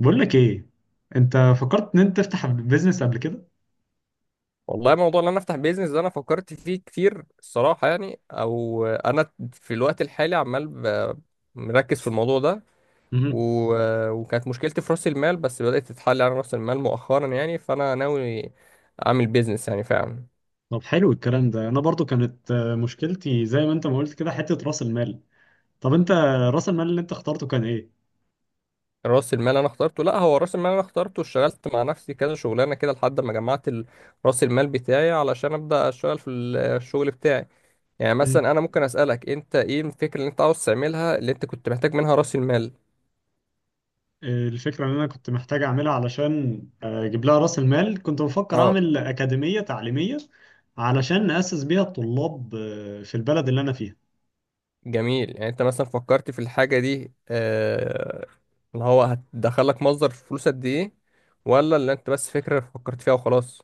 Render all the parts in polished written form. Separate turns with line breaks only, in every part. بقول لك ايه، انت فكرت ان انت تفتح بيزنس قبل كده؟
والله موضوع ان انا افتح بيزنس ده انا فكرت فيه كتير الصراحه يعني او انا في الوقت الحالي عمال مركز في الموضوع ده و...
مهم.
وكانت مشكلتي في راس المال بس بدات تتحل على راس المال مؤخرا يعني فانا ناوي اعمل بيزنس يعني فعلا.
طب حلو الكلام ده، انا برضو كانت مشكلتي زي ما انت ما قلت كده حتة راس المال. طب انت، راس المال اللي انت اخترته كان ايه؟
راس المال انا اخترته، لا، هو راس المال انا اخترته اشتغلت مع نفسي كذا شغلانه كده لحد ما جمعت راس المال بتاعي علشان ابدا اشتغل في الشغل بتاعي. يعني
مم.
مثلا انا ممكن اسالك انت ايه الفكره اللي انت عاوز تعملها اللي انت كنت محتاج منها راس المال؟
الفكرة ان انا كنت محتاج اعملها علشان اجيب لها راس المال، كنت بفكر
اه،
اعمل اكاديمية تعليمية علشان نأسس بيها الطلاب في البلد اللي انا فيها.
جميل. يعني انت مثلا فكرت في الحاجة دي، اللي هو هتدخلك مصدر فلوس قد ايه، ولا اللي انت بس فكرة فكرت فيها وخلاص؟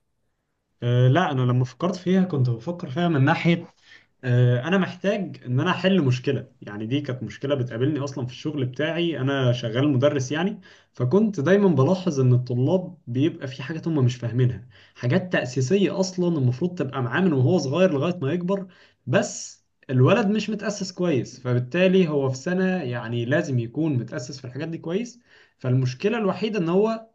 لا، انا لما فكرت فيها كنت بفكر فيها من ناحية انا محتاج ان انا احل مشكله. يعني دي كانت مشكله بتقابلني اصلا في الشغل بتاعي، انا شغال مدرس يعني. فكنت دايما بلاحظ ان الطلاب بيبقى في حاجات هم مش فاهمينها، حاجات تأسيسيه اصلا المفروض تبقى معاه من وهو صغير لغايه ما يكبر. بس الولد مش متأسس كويس، فبالتالي هو في سنه يعني لازم يكون متأسس في الحاجات دي كويس. فالمشكله الوحيده ان هو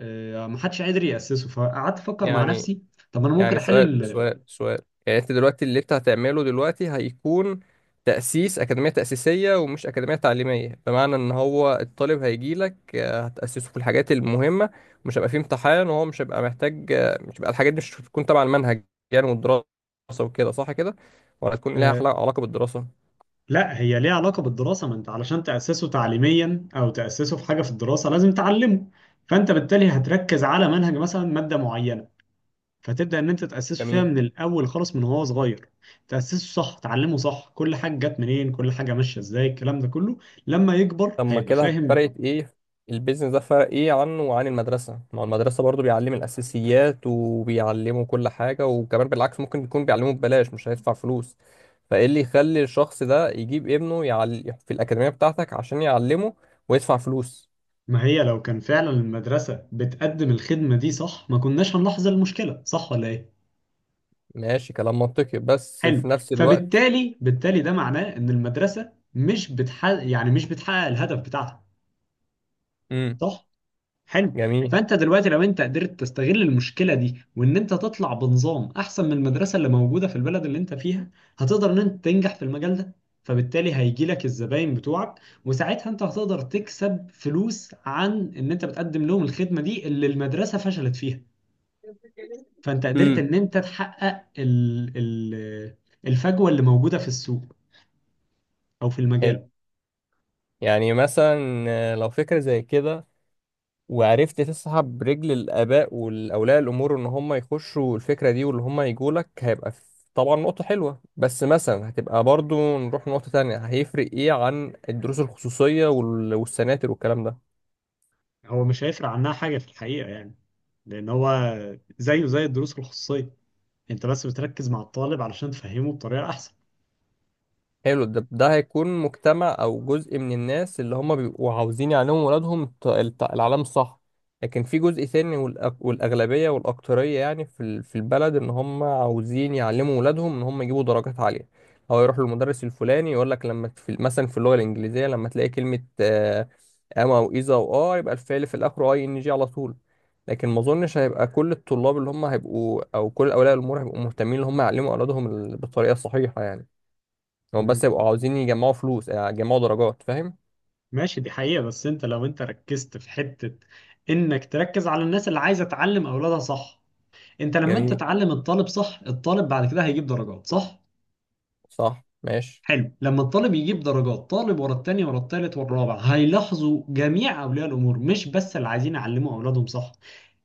محدش قادر يأسسه، فقعدت افكر مع
يعني
نفسي، طب انا ممكن
يعني سؤال
احل.
سؤال سؤال يعني انت دلوقتي اللي انت هتعمله دلوقتي هيكون تأسيس أكاديمية تأسيسية ومش أكاديمية تعليمية، بمعنى ان هو الطالب هيجيلك، هتأسسه في الحاجات المهمة، مش هيبقى فيه امتحان وهو مش هيبقى محتاج، مش هيبقى الحاجات دي مش هتكون تبع المنهج يعني والدراسة وكده، صح كده؟ ولا هتكون ليها علاقة بالدراسة؟
لا، هي ليها علاقة بالدراسة، ما انت علشان تأسسه تعليميا او تأسسه في حاجة في الدراسة لازم تعلمه. فانت بالتالي هتركز على منهج مثلا مادة معينة، فتبدأ ان انت تأسسه فيها
جميل.
من الاول خالص من وهو صغير. تأسسه صح، تعلمه صح، كل حاجة جت منين، كل حاجة ماشية ازاي، الكلام ده كله. لما يكبر
طب ما
هيبقى
كده
فاهم.
فرقت ايه؟ البيزنس ده فرق ايه عنه وعن المدرسة؟ ما هو المدرسة برضو بيعلم الأساسيات وبيعلمه كل حاجة، وكمان بالعكس ممكن يكون بيعلمه ببلاش مش هيدفع فلوس. فايه اللي يخلي الشخص ده يجيب ابنه في الأكاديمية بتاعتك عشان يعلمه ويدفع فلوس؟
ما هي لو كان فعلا المدرسة بتقدم الخدمة دي صح ما كناش هنلاحظ المشكلة، صح ولا ايه؟
ماشي، كلام منطقي، بس
حلو.
في نفس الوقت.
فبالتالي ده معناه ان المدرسة مش بتحقق يعني مش بتحقق الهدف بتاعها.
امم.
صح. حلو.
جميل.
فانت دلوقتي لو انت قدرت تستغل المشكله دي وان انت تطلع بنظام احسن من المدرسه اللي موجوده في البلد اللي انت فيها، هتقدر ان انت تنجح في المجال ده. فبالتالي هيجي لك الزباين بتوعك، وساعتها انت هتقدر تكسب فلوس عن ان انت بتقدم لهم الخدمه دي اللي المدرسه فشلت فيها. فانت قدرت
امم.
ان انت تحقق ال الفجوه اللي موجوده في السوق، او في
حلو.
المجال.
يعني مثلا لو فكرة زي كده وعرفت تسحب رجل الآباء والأولياء الأمور إن هم يخشوا الفكرة دي واللي هم يجوا لك، طبعا نقطة حلوة، بس مثلا هتبقى برضو نروح نقطة تانية: هيفرق إيه عن الدروس الخصوصية والسناتر والكلام ده؟
هو مش هيفرق عنها حاجه في الحقيقه يعني. لان هو زيه زي الدروس الخصوصيه، انت بس بتركز مع الطالب علشان تفهمه بطريقة احسن.
حلو. ده هيكون مجتمع او جزء من الناس اللي هم بيبقوا عاوزين يعلموا ولادهم العلام، صح. لكن في جزء ثاني والاغلبيه والاكتريه يعني في البلد ان هم عاوزين يعلموا ولادهم ان هم يجيبوا درجات عاليه. هو يروح للمدرس الفلاني يقول لك لما في مثلا في اللغه الانجليزيه لما تلاقي كلمه ام او اذا او اه، يبقى الفعل في الاخر اي ان جي على طول. لكن ما اظنش هيبقى كل الطلاب اللي هم هيبقوا او كل اولياء الامور هيبقوا مهتمين ان هم يعلموا اولادهم بالطريقه الصحيحه يعني. هم بس يبقوا
مم.
عاوزين يجمعوا فلوس، يجمعوا درجات، فاهم.
ماشي، دي حقيقة. بس انت لو انت ركزت في حتة انك تركز على الناس اللي عايزة تعلم اولادها، صح؟ انت لما انت
جميل.
تعلم الطالب صح، الطالب بعد كده هيجيب درجات، صح؟
صح ماشي.
حلو. لما الطالب يجيب درجات، طالب ورا التاني ورا التالت والرابع، هيلاحظوا جميع اولياء الامور، مش بس اللي عايزين يعلموا اولادهم، صح؟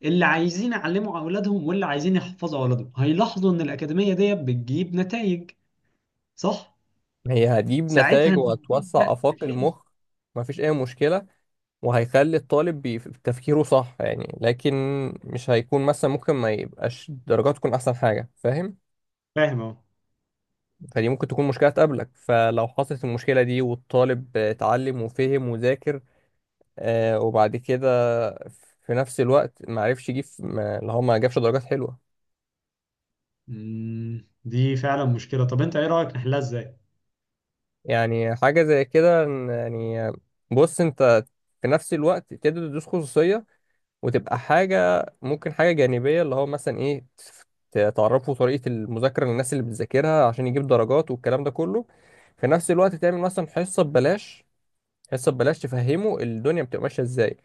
اللي عايزين يعلموا اولادهم واللي عايزين يحفظوا اولادهم هيلاحظوا ان الاكاديمية دي بتجيب نتائج. صح.
هي هتجيب
ساعتها
نتائج
انت هتبدأ.
وهتوسع آفاق المخ. مفيش أي مشكلة. وهيخلي الطالب تفكيره صح يعني، لكن مش هيكون مثلا، ممكن ما يبقاش درجات تكون أحسن حاجة، فاهم.
فاهم اهو.
فدي ممكن تكون مشكلة تقابلك. فلو حصلت المشكلة دي والطالب اتعلم وفهم وذاكر، آه، وبعد كده في نفس الوقت معرفش يجيب، اللي هو ما جابش درجات حلوة.
دي فعلا مشكلة. طب انت ايه رأيك نحلها ازاي؟
يعني حاجة زي كده، يعني بص انت في نفس الوقت تقدر تدوس خصوصية وتبقى حاجة، ممكن حاجة جانبية، اللي هو مثلا ايه، تعرفوا طريقة المذاكرة للناس اللي بتذاكرها عشان يجيب درجات والكلام ده كله. في نفس الوقت تعمل مثلا حصة ببلاش، حصة ببلاش تفهمه الدنيا بتبقى ماشية ازاي.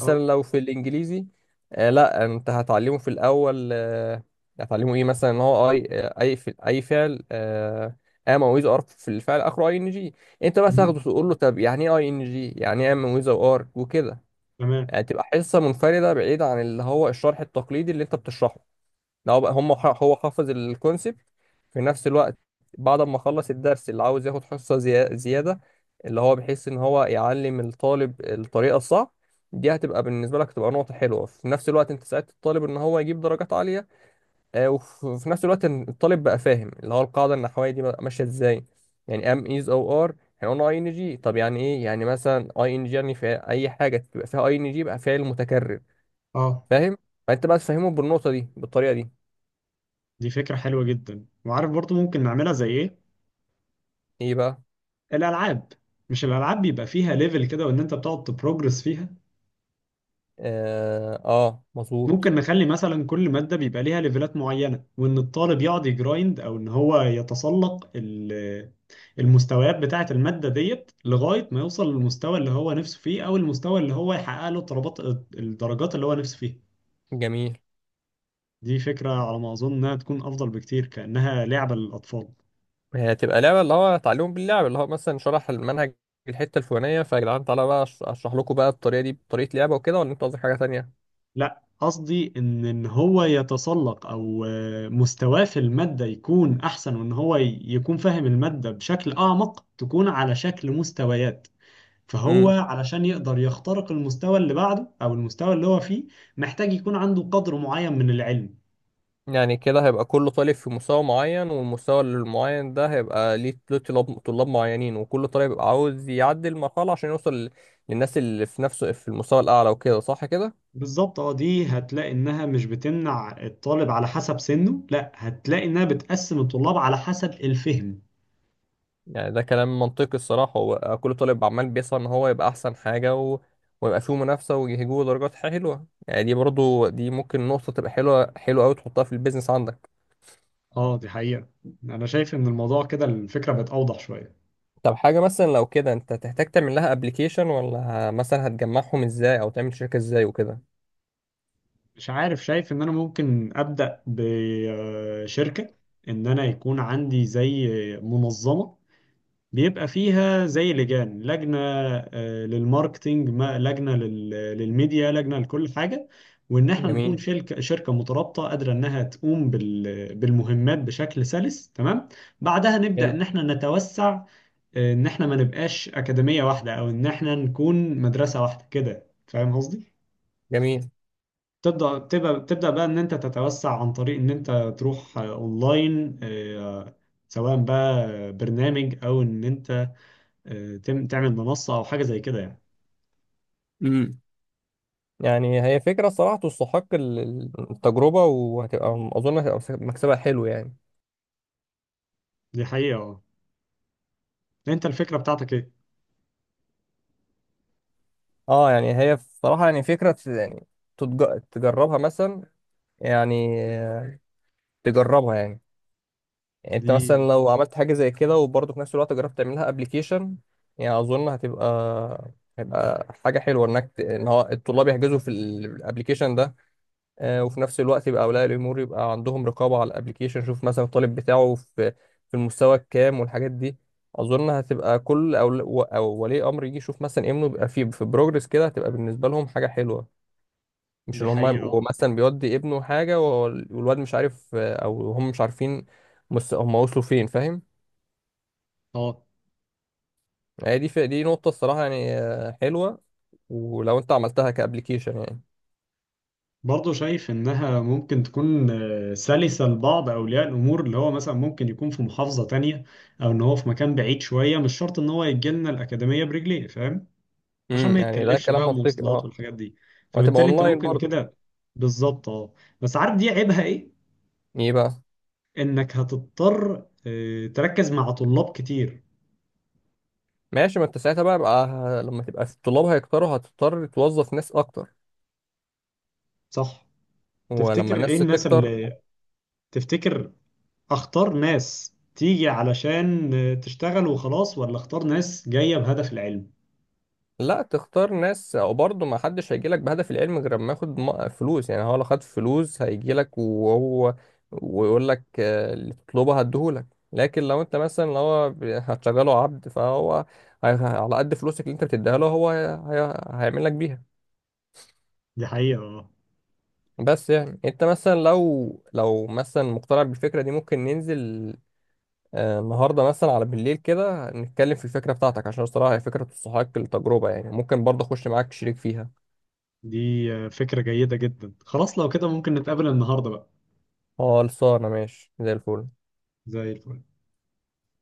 اه.
لو في الانجليزي، آه، لا، انت هتعلمه في الاول، آه، هتعلمه ايه مثلا؟ ان هو اي، اي فعل آه ام ويز ار في الفعل اخره اي ان جي. انت بس
مم،
تاخده تقول له طب يعني ايه اي ان جي، يعني ايه ام ويز ار وكده.
تمام.
يعني تبقى حصه منفرده بعيده عن اللي هو الشرح التقليدي اللي انت بتشرحه. لو بقى هو حافظ الكونسبت في نفس الوقت، بعد ما خلص الدرس اللي عاوز ياخد حصة زيادة، اللي هو بيحس ان هو يعلم الطالب الطريقة الصح، دي هتبقى بالنسبة لك تبقى نقطة حلوة. في نفس الوقت انت ساعدت الطالب ان هو يجيب درجات عالية، آه، وفي نفس الوقت إن الطالب بقى فاهم اللي هو القاعدة النحوية دي بقى ماشية ازاي. يعني ام ايز او ار، احنا قلنا اي ان جي، طب يعني ايه؟ يعني مثلا اي ان جي يعني في اي حاجة تبقى فيها اي ان جي يبقى فعل متكرر،
اه،
فاهم. فانت بقى تفهمه بالنقطة دي بالطريقة دي.
دي فكرة حلوة جدا. وعارف برضو ممكن نعملها زي ايه؟
ايه بقى؟
الألعاب. مش الألعاب بيبقى فيها ليفل كده وان انت بتقعد تبروجرس فيها؟
اه، مظبوط.
ممكن نخلي مثلا كل مادة بيبقى ليها ليفلات معينة، وان الطالب يقعد يجرايند او ان هو يتسلق المستويات بتاعة المادة ديت لغاية ما يوصل للمستوى اللي هو نفسه فيه او المستوى اللي هو يحقق له الطلبات، الدرجات اللي هو نفسه فيها.
جميل.
دي فكرة، على ما أظن إنها تكون أفضل بكتير، كأنها لعبة للأطفال.
هي هتبقى لعبة، اللي هو تعليم باللعب، اللي هو مثلا شرح المنهج الحتة الفلانية: فيا جدعان تعالى بقى اشرح لكم بقى الطريقة دي بطريقة لعبة وكده، ولا انت قصدك حاجة تانية؟
لا، قصدي إن هو يتسلق أو مستواه في المادة يكون أحسن، وإن هو يكون فاهم المادة بشكل أعمق، تكون على شكل مستويات. فهو
امم.
علشان يقدر يخترق المستوى اللي بعده أو المستوى اللي هو فيه، محتاج يكون عنده قدر معين من العلم.
يعني كده هيبقى كل طالب في مستوى معين، والمستوى المعين ده هيبقى له طلاب معينين، وكل طالب بيبقى عاوز يعدي المرحلة عشان يوصل للناس اللي في نفسه في المستوى الأعلى، وكده صح كده؟
بالظبط، اه. دي هتلاقي انها مش بتمنع الطالب على حسب سنه، لا هتلاقي انها بتقسم الطلاب على حسب الفهم.
يعني ده كلام منطقي الصراحة. هو كل طالب عمال بيسعى إن هو يبقى أحسن حاجة ويبقى فيه منافسة ويجيبوا درجات حلوة يعني. دي برضو دي ممكن نقطة تبقى حلوة حلوة أوي تحطها في البيزنس عندك.
اه، دي حقيقة. انا شايف ان الموضوع كده الفكرة بقت اوضح شوية.
طب حاجة مثلا لو كده أنت تحتاج تعمل لها أبليكيشن ولا، مثلا هتجمعهم إزاي أو تعمل شركة إزاي وكده؟
مش عارف، شايف ان انا ممكن ابدأ بشركة. ان انا يكون عندي زي منظمة بيبقى فيها زي لجنة للماركتينج، لجنة للميديا، لجنة لكل حاجة. وإن إحنا نكون
جميل.
شركة مترابطة قادرة إنها تقوم بالمهمات بشكل سلس تمام. بعدها نبدأ
حلو.
إن إحنا نتوسع. إن إحنا ما نبقاش أكاديمية واحدة أو إن إحنا نكون مدرسة واحدة كده. فاهم قصدي؟
جميل.
تبدأ بقى إن أنت تتوسع عن طريق إن أنت تروح أونلاين، سواء بقى برنامج او ان انت تعمل منصة أو حاجة زي كده يعني.
امم. يعني هي فكرة صراحة تستحق التجربة، وهتبقى أظن هتبقى مكسبها حلو يعني.
دي حقيقة، اه. أنت الفكرة بتاعتك إيه؟
اه، يعني هي بصراحة يعني فكرة يعني، تجربها مثلا، يعني تجربها يعني. يعني انت
دي
مثلا لو عملت حاجة زي كده وبرضه في نفس الوقت جربت تعملها ابلكيشن، يعني اظن هتبقى، هيبقى حاجة حلوة انك ان هو الطلاب يحجزوا في الابلكيشن ده، آه، وفي نفس الوقت يبقى اولياء الامور يبقى عندهم رقابة على الابلكيشن، شوف مثلا الطالب بتاعه في المستوى الكام والحاجات دي. اظن هتبقى كل او ولي امر يجي يشوف مثلا ابنه بيبقى في بروجرس كده، هتبقى بالنسبة لهم حاجة حلوة. مش
دي
ان هم
حقيقة،
يبقوا
اه.
مثلا بيودي ابنه حاجه والواد مش عارف، آه، او هم مش عارفين هم وصلوا فين، فاهم.
آه.
هي دي في دي نقطه الصراحه يعني، حلوه، ولو انت عملتها كابليكيشن يعني.
برضه شايف إنها ممكن تكون سلسة لبعض أولياء الأمور، اللي هو مثلا ممكن يكون في محافظة تانية أو إن هو في مكان بعيد شوية، مش شرط إن هو يجي لنا الأكاديمية برجليه، فاهم؟ عشان ما
امم، يعني ده
يتكلفش
كلام
بقى
منطقي
مواصلات
اه.
والحاجات دي.
وهتبقى
فبالتالي أنت
اونلاين
ممكن
برضه.
كده. بالظبط، اه. بس عارف دي عيبها إيه؟
ايه بقى؟
إنك هتضطر تركز مع طلاب كتير.
ماشي. ما انت ساعتها بقى, لما تبقى الطلاب هيكتروا هتضطر توظف ناس اكتر.
صح؟
ولما
تفتكر ايه
الناس
الناس
تكتر،
اللي، تفتكر اختار ناس تيجي علشان تشتغل وخلاص، ولا اختار ناس جاية بهدف العلم؟
لا، تختار ناس، وبرضه ما حدش هيجي لك بهدف العلم غير ما ياخد فلوس. يعني هو لو خد فلوس هيجي لك وهو ويقول لك، آه، اللي تطلبه هديهولك. لكن لو انت مثلا لو هو هتشغله عبد فهو على قد فلوسك اللي انت بتديها له هو هيعمل لك بيها.
دي حقيقة، اه.
بس يعني انت مثلا لو مثلا مقتنع بالفكرة دي ممكن ننزل، النهارده مثلا على بالليل كده نتكلم في الفكرة بتاعتك، عشان الصراحة هي فكرة تستحق التجربة يعني، ممكن برضه اخش معاك شريك فيها.
دي فكرة جيدة جدا، خلاص لو كده ممكن نتقابل النهاردة بقى.
خلصانة ماشي زي الفل.
زي الفل.